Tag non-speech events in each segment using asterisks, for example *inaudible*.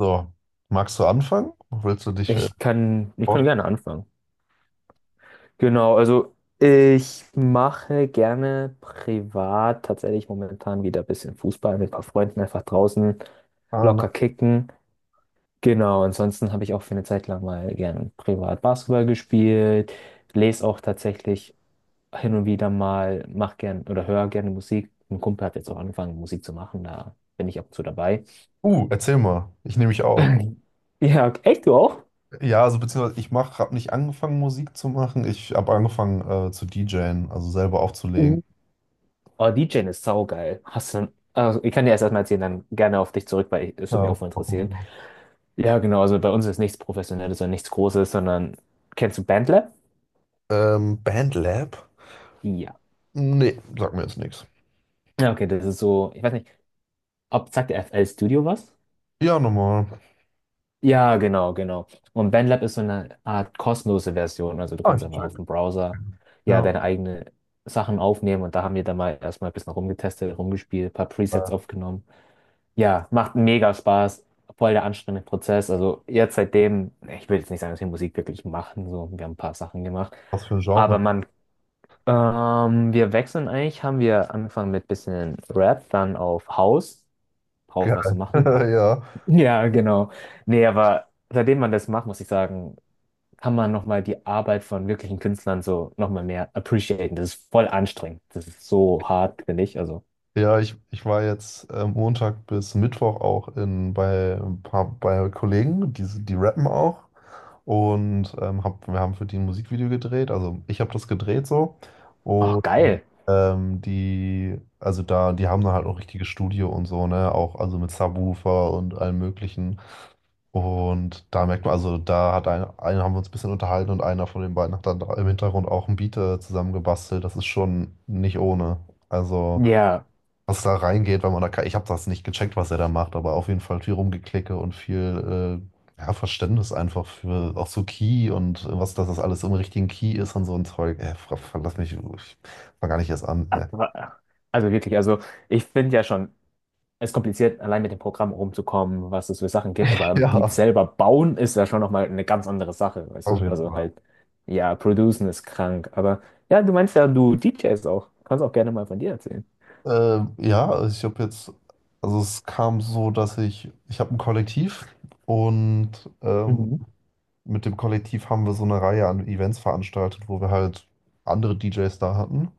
So, magst du anfangen? Willst du dich Ich kann gerne anfangen. Genau, also ich mache gerne privat tatsächlich momentan wieder ein bisschen Fußball mit ein paar Freunden einfach draußen vorstellen? locker kicken. Genau, ansonsten habe ich auch für eine Zeit lang mal gern privat Basketball gespielt, lese auch tatsächlich hin und wieder mal, mache gern oder höre gerne Musik. Ein Kumpel hat jetzt auch angefangen, Musik zu machen, da bin ich ab und zu dabei. *clears throat* Erzähl mal. Ich nehme mich auch. *laughs* Ja, echt, du auch? Ja, also beziehungsweise ich mach, habe nicht angefangen, Musik zu machen. Ich habe angefangen zu DJen, also selber aufzulegen. Oh, DJing ist saugeil. Hast du, also ich kann dir erstmal erzählen, dann gerne auf dich zurück, es würde mich Ja. auch mal interessieren. Ja, genau, also bei uns ist nichts Professionelles oder nichts Großes, sondern kennst du Bandlab? Bandlab? Ja. Nee, sag mir jetzt nichts. Ja, okay, das ist so, ich weiß nicht, ob sagt der FL Studio was? Ja, nochmal. Ja, genau, genau. Und BandLab ist so eine Art kostenlose Version. Also du Ah, kannst ich einfach auf check. dem Browser ja Ja. deine eigenen Sachen aufnehmen, und da haben wir dann mal erstmal ein bisschen rumgetestet, rumgespielt, ein paar Äh, Presets aufgenommen. Ja, macht mega Spaß. Voll der anstrengende Prozess. Also jetzt seitdem, ich will jetzt nicht sagen, dass wir Musik wirklich machen, so, wir haben ein paar Sachen gemacht. Was für ein Aber Genre? man, wir wechseln eigentlich, haben wir angefangen mit bisschen Rap, dann auf House, drauf was zu Geil. machen. *laughs* Ja. Ja, genau. Nee, aber seitdem man das macht, muss ich sagen, kann man nochmal die Arbeit von wirklichen Künstlern so nochmal mehr appreciaten. Das ist voll anstrengend. Das ist so hart, finde ich. Also, Ja, ich war jetzt Montag bis Mittwoch auch in, bei ein paar bei Kollegen, die rappen auch. Und hab, wir haben für die ein Musikvideo gedreht, also ich habe das gedreht so. oh, Und geil. Die, also da, die haben dann halt auch richtiges Studio und so, ne? Auch also mit Subwoofer und allem Möglichen. Und da merkt man, also da hat ein, einen haben wir uns ein bisschen unterhalten und einer von den beiden hat dann da im Hintergrund auch ein Beat zusammengebastelt. Das ist schon nicht ohne. Also Ja. was da reingeht, weil man da, ich habe das nicht gecheckt, was er da macht, aber auf jeden Fall viel Rumgeklicke und viel ja, Verständnis einfach für auch so Key und was, dass das alles im richtigen Key ist und so ein Zeug. Lass mich, ich fang gar nicht erst an. *laughs* Wa- Also wirklich, also ich finde ja schon, es ist kompliziert, allein mit dem Programm rumzukommen, was es für Sachen gibt, aber Beats Ja, selber bauen ist ja schon nochmal eine ganz andere Sache, weißt auf du? jeden Also Fall. halt, ja, producen ist krank, aber ja, du meinst ja, du DJs auch. Kannst auch gerne mal von dir erzählen. Ja, also ich habe jetzt, also es kam so, dass ich habe ein Kollektiv und ähm, Mhm. mit dem Kollektiv haben wir so eine Reihe an Events veranstaltet, wo wir halt andere DJs da hatten.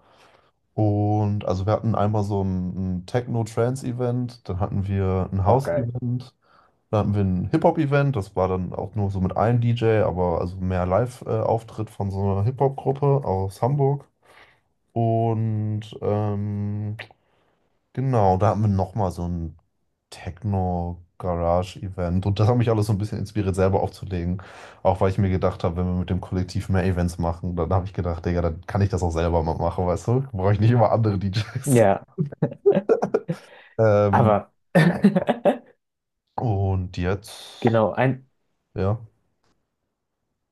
Und also wir hatten einmal so ein Techno-Trance-Event, dann hatten wir ein Oh, geil. House-Event, dann hatten wir ein Hip-Hop-Event, das war dann auch nur so mit einem DJ, aber also mehr Live-Auftritt von so einer Hip-Hop-Gruppe aus Hamburg. Und genau, da hatten wir nochmal so ein Techno-Garage-Event. Und das hat mich alles so ein bisschen inspiriert, selber aufzulegen. Auch weil ich mir gedacht habe, wenn wir mit dem Kollektiv mehr Events machen, dann habe ich gedacht, Digga, dann kann ich das auch selber mal machen, weißt du? Brauche ich nicht immer andere DJs. Ja, Ähm, aber *laughs* und jetzt, genau, ja.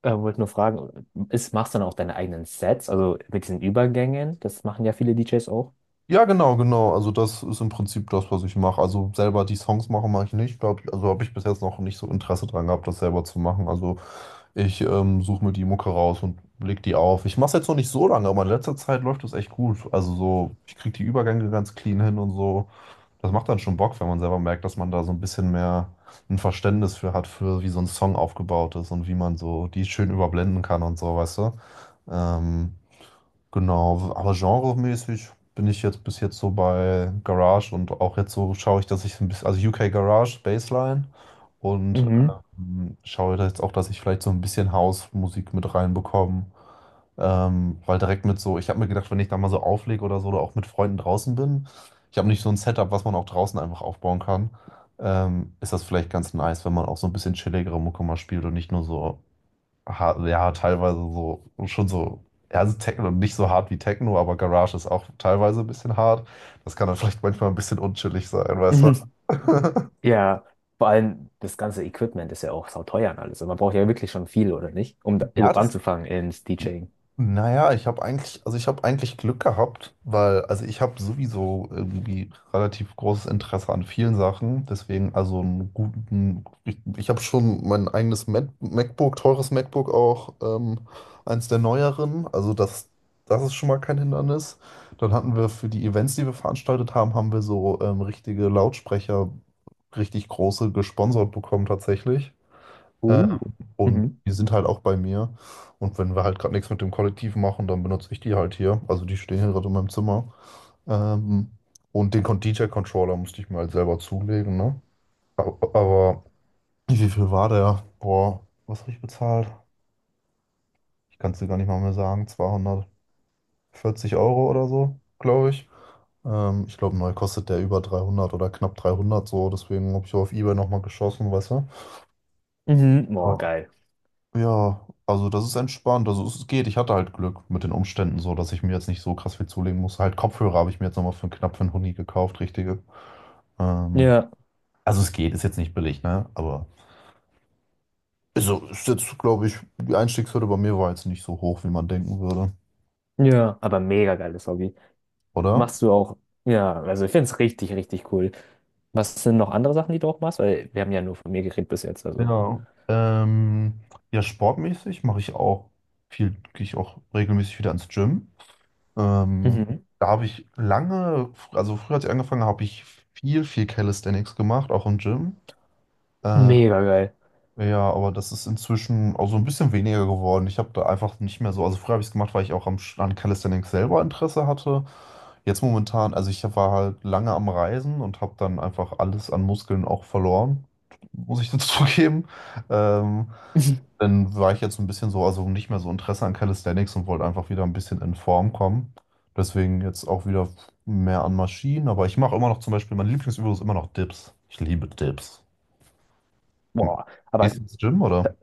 wollte nur fragen, machst du dann auch deine eigenen Sets, also mit diesen Übergängen? Das machen ja viele DJs auch. Ja, genau, genau. Also das ist im Prinzip das, was ich mache. Also selber die Songs machen mache ich nicht, glaube ich. Also habe ich bis jetzt noch nicht so Interesse dran gehabt, das selber zu machen. Also ich suche mir die Mucke raus und leg die auf. Ich mache es jetzt noch nicht so lange, aber in letzter Zeit läuft das echt gut. Also so, ich kriege die Übergänge ganz clean hin und so. Das macht dann schon Bock, wenn man selber merkt, dass man da so ein bisschen mehr ein Verständnis für hat, für wie so ein Song aufgebaut ist und wie man so die schön überblenden kann und so, weißt du? Ähm, Genau, aber genremäßig bin ich jetzt bis jetzt so bei Garage und auch jetzt so schaue ich, dass ich so ein bisschen, also UK Garage, Bassline und Mhm. Schaue da jetzt auch, dass ich vielleicht so ein bisschen House-Musik mit reinbekomme. Weil direkt mit so, ich habe mir gedacht, wenn ich da mal so auflege oder so oder auch mit Freunden draußen bin, ich habe nicht so ein Setup, was man auch draußen einfach aufbauen kann, ist das vielleicht ganz nice, wenn man auch so ein bisschen chilligere Mucke mal spielt und nicht nur so ja, teilweise so, schon so, ja, also Techno, nicht so hart wie Techno, aber Garage ist auch teilweise ein bisschen hart. Das kann dann vielleicht manchmal ein bisschen unchillig sein, weißt du? *laughs* *laughs* Ja, vor allem das ganze Equipment ist ja auch sauteuer und alles. Und man braucht ja wirklich schon viel, oder nicht? Um da Ja, überhaupt das, anzufangen ins DJing. naja, ich habe eigentlich, also ich habe eigentlich Glück gehabt, weil, also ich habe sowieso irgendwie relativ großes Interesse an vielen Sachen. Deswegen, also einen guten, ich habe schon mein eigenes MacBook, teures MacBook auch, eins der neueren. Also das, das ist schon mal kein Hindernis. Dann hatten wir für die Events, die wir veranstaltet haben, haben wir so richtige Lautsprecher, richtig große gesponsert bekommen tatsächlich. Äh, Uh. und Mhm. die sind halt auch bei mir. Und wenn wir halt gerade nichts mit dem Kollektiv machen, dann benutze ich die halt hier. Also die stehen hier gerade in meinem Zimmer. Ähm, und den DJ-Controller musste ich mir halt selber zulegen, ne? Aber wie viel war der? Boah, was habe ich bezahlt? Ich kann es dir gar nicht mal mehr sagen. 240 Euro oder so, glaube ich. Ich glaube, neu kostet der über 300 oder knapp 300 so. Deswegen habe ich auf eBay nochmal geschossen, weißt du? Mhm. Boah, geil. Ja, also das ist entspannt. Also es geht. Ich hatte halt Glück mit den Umständen so, dass ich mir jetzt nicht so krass viel zulegen muss. Halt Kopfhörer habe ich mir jetzt nochmal für knapp für einen Huni gekauft, richtige. Ähm, Ja, also es geht, ist jetzt nicht billig, ne? Aber also ist jetzt, glaube ich, die Einstiegshürde bei mir war jetzt nicht so hoch, wie man denken würde, ja. Aber mega geiles Hobby. oder? Machst du auch, ja, also ich finde es richtig, richtig cool. Was sind noch andere Sachen, die du auch machst? Weil wir haben ja nur von mir geredet bis jetzt, also. Ja. Ähm, ja, sportmäßig mache ich auch viel, gehe ich auch regelmäßig wieder ins Gym. Ähm, Mhm. da habe ich lange, also früher als ich angefangen habe, habe ich viel, viel Calisthenics gemacht, auch im Gym. Äh, Mega geil. ja, aber das ist inzwischen auch so ein bisschen weniger geworden. Ich habe da einfach nicht mehr so. Also früher habe ich es gemacht, weil ich auch am, an Calisthenics selber Interesse hatte. Jetzt momentan, also ich war halt lange am Reisen und habe dann einfach alles an Muskeln auch verloren, muss ich dazu *laughs* zugeben. Ähm, *laughs* dann war ich jetzt ein bisschen so, also nicht mehr so Interesse an Calisthenics und wollte einfach wieder ein bisschen in Form kommen. Deswegen jetzt auch wieder mehr an Maschinen. Aber ich mache immer noch zum Beispiel, meine Lieblingsübung ist immer noch Dips. Ich liebe Dips. Boah, Gehst aber du ins Gym ta- oder?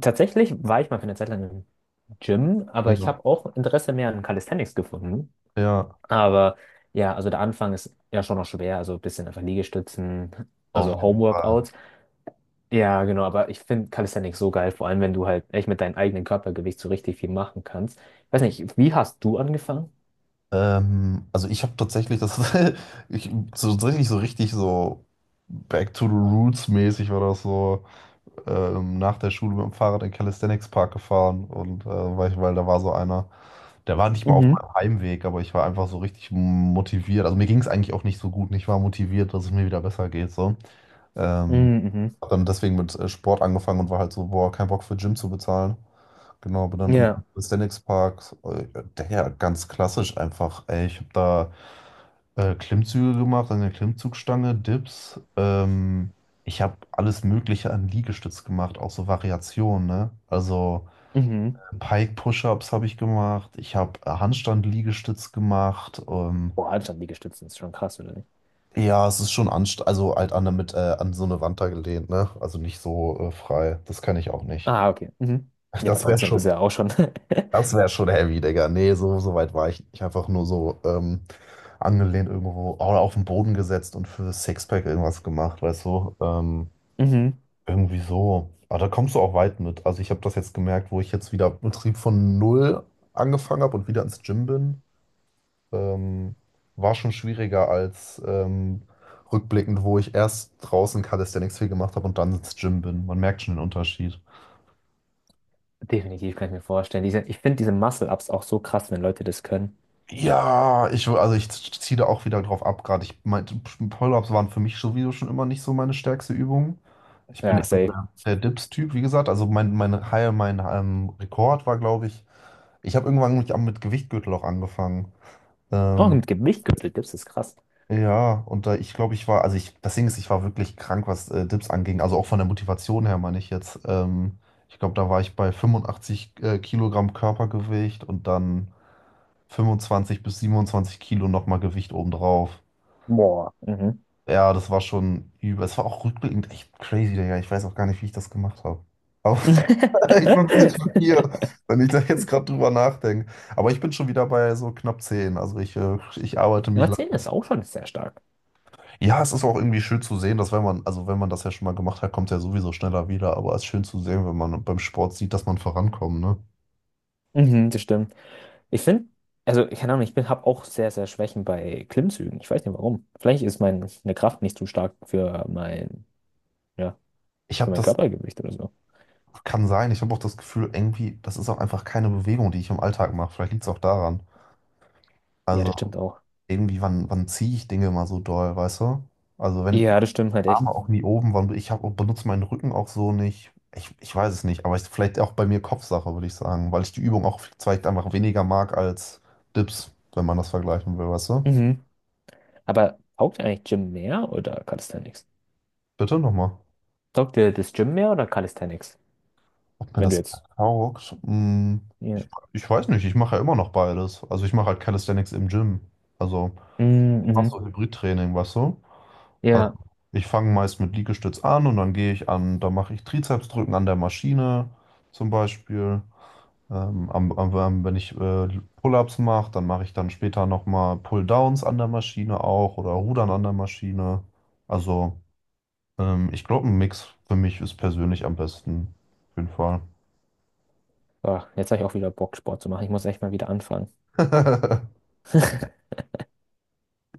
tatsächlich war ich mal für eine Zeit lang im Gym, aber ich Ja, habe auch Interesse mehr an Calisthenics gefunden. ja, Aber ja, also der Anfang ist ja schon noch schwer, also ein bisschen einfach Liegestützen, auf also jeden Fall. Homeworkouts. Ja, genau, aber ich finde Calisthenics so geil, vor allem wenn du halt echt mit deinem eigenen Körpergewicht so richtig viel machen kannst. Ich weiß nicht, wie hast du angefangen? Also ich habe tatsächlich das, *laughs* ich, so, tatsächlich so richtig so Back to the Roots mäßig war das so nach der Schule mit dem Fahrrad in den Calisthenics Park gefahren und weil, ich, weil da war so einer, der war nicht mal auf Mhm. meinem Heimweg, aber ich war einfach so richtig motiviert. Also mir ging es eigentlich auch nicht so gut. Und ich war motiviert, dass es mir wieder besser geht so. Ähm, Mhm, mhm. hab dann deswegen mit Sport angefangen und war halt so, boah, kein Bock für Gym zu bezahlen. Genau, aber dann im Ja, Aesthetics Park, der ja ganz klassisch einfach, ey, ich habe da Klimmzüge gemacht an der Klimmzugstange, Dips, ich habe alles Mögliche an Liegestütz gemacht, auch so Variationen, ne? Also mhm. Pike Push-Ups habe ich gemacht, ich habe Handstand-Liegestütz gemacht, Boah, Handstand Liegestützen ist schon krass, oder nicht? ja, es ist schon anst also halt an, mit, an so eine Wand da gelehnt, ne? Also nicht so frei, das kann ich auch nicht. Ah, okay. Mhm. Ja, aber Das wäre trotzdem, das ist schon ja auch schon. *laughs* Das wäre schon heavy, Digga. Nee, so, so weit war ich nicht. Einfach nur so angelehnt irgendwo oder auf den Boden gesetzt und für das Sixpack irgendwas gemacht, weißt du? Mhm. Irgendwie so. Aber da kommst du auch weit mit. Also ich habe das jetzt gemerkt, wo ich jetzt wieder Betrieb von null angefangen habe und wieder ins Gym bin. Ähm, war schon schwieriger als rückblickend, wo ich erst draußen Calisthenics viel gemacht habe und dann ins Gym bin. Man merkt schon den Unterschied. Definitiv, kann ich mir vorstellen. Diese, ich finde diese Muscle-Ups auch so krass, wenn Leute das können. Ja, ich, also ich ziehe da auch wieder drauf ab, gerade ich meinte, Pull-ups waren für mich sowieso schon immer nicht so meine stärkste Übung. Ich bin Ja, eher so safe. der, der Dips-Typ, wie gesagt. Also mein High, mein Rekord war, glaube ich, ich habe irgendwann mit Gewichtgürtel auch angefangen. Auch Ähm, mit Gewicht gibt's, das ist krass. ja, und da ich glaube, ich war, also ich, das Ding ist, ich war wirklich krank, was Dips anging. Also auch von der Motivation her, meine ich jetzt. Ich glaube, da war ich bei 85 Kilogramm Körpergewicht und dann 25 bis 27 Kilo nochmal Gewicht obendrauf. Boah. Mhm. Ja, das war schon übel. Es war auch rückblickend echt crazy, Digga. Ich weiß auch gar nicht, wie ich das gemacht habe. Aber *laughs* ich bin ein bisschen schockiert, *laughs* wenn ich da jetzt gerade drüber nachdenke. Aber ich bin schon wieder bei so knapp 10. Also ich, ich arbeite mich lang. Marcel ist auch schon sehr stark. Ja, es ist auch irgendwie schön zu sehen, dass wenn man, also wenn man das ja schon mal gemacht hat, kommt es ja sowieso schneller wieder. Aber es ist schön zu sehen, wenn man beim Sport sieht, dass man vorankommt, ne? Mhm, das stimmt. Ich finde, also, keine Ahnung, ich bin, habe auch sehr, sehr Schwächen bei Klimmzügen. Ich weiß nicht warum. Vielleicht ist meine Kraft nicht zu stark für mein, ja, Ich für habe mein das, Körpergewicht oder so. kann sein, ich habe auch das Gefühl, irgendwie, das ist auch einfach keine Bewegung, die ich im Alltag mache. Vielleicht liegt es auch daran. Ja, Also das stimmt auch. irgendwie, wann, wann ziehe ich Dinge mal so doll, weißt du? Also wenn Ja, das stimmt halt echt. Arme auch nie oben, wann ich hab, benutze meinen Rücken auch so nicht. Ich weiß es nicht, aber ich, vielleicht auch bei mir Kopfsache, würde ich sagen, weil ich die Übung auch vielleicht einfach weniger mag als Dips, wenn man das vergleichen will, weißt du? Mhm. Aber taugt dir eigentlich Gym mehr oder Calisthenics? Bitte nochmal. Taugt dir das Gym mehr oder Calisthenics? Ob mir Wenn du das jetzt. taugt? Hm, ich, Ja. ich weiß nicht, ich Mhm. Mhm. Also Ja. ich fange meist mit Liegestütz an und dann gehe ich an, da mache ich Trizepsdrücken an der Maschine zum Beispiel. Wenn ich Pull-ups mache, dann mache ich dann später nochmal Pull-downs an der Maschine auch oder Rudern an der Maschine. Also ich glaube, ein Mix für mich ist persönlich am besten. Auf jeden Fall. Boah, jetzt habe ich auch wieder Bock, Sport zu machen. Ich muss echt mal wieder anfangen. *laughs* *laughs*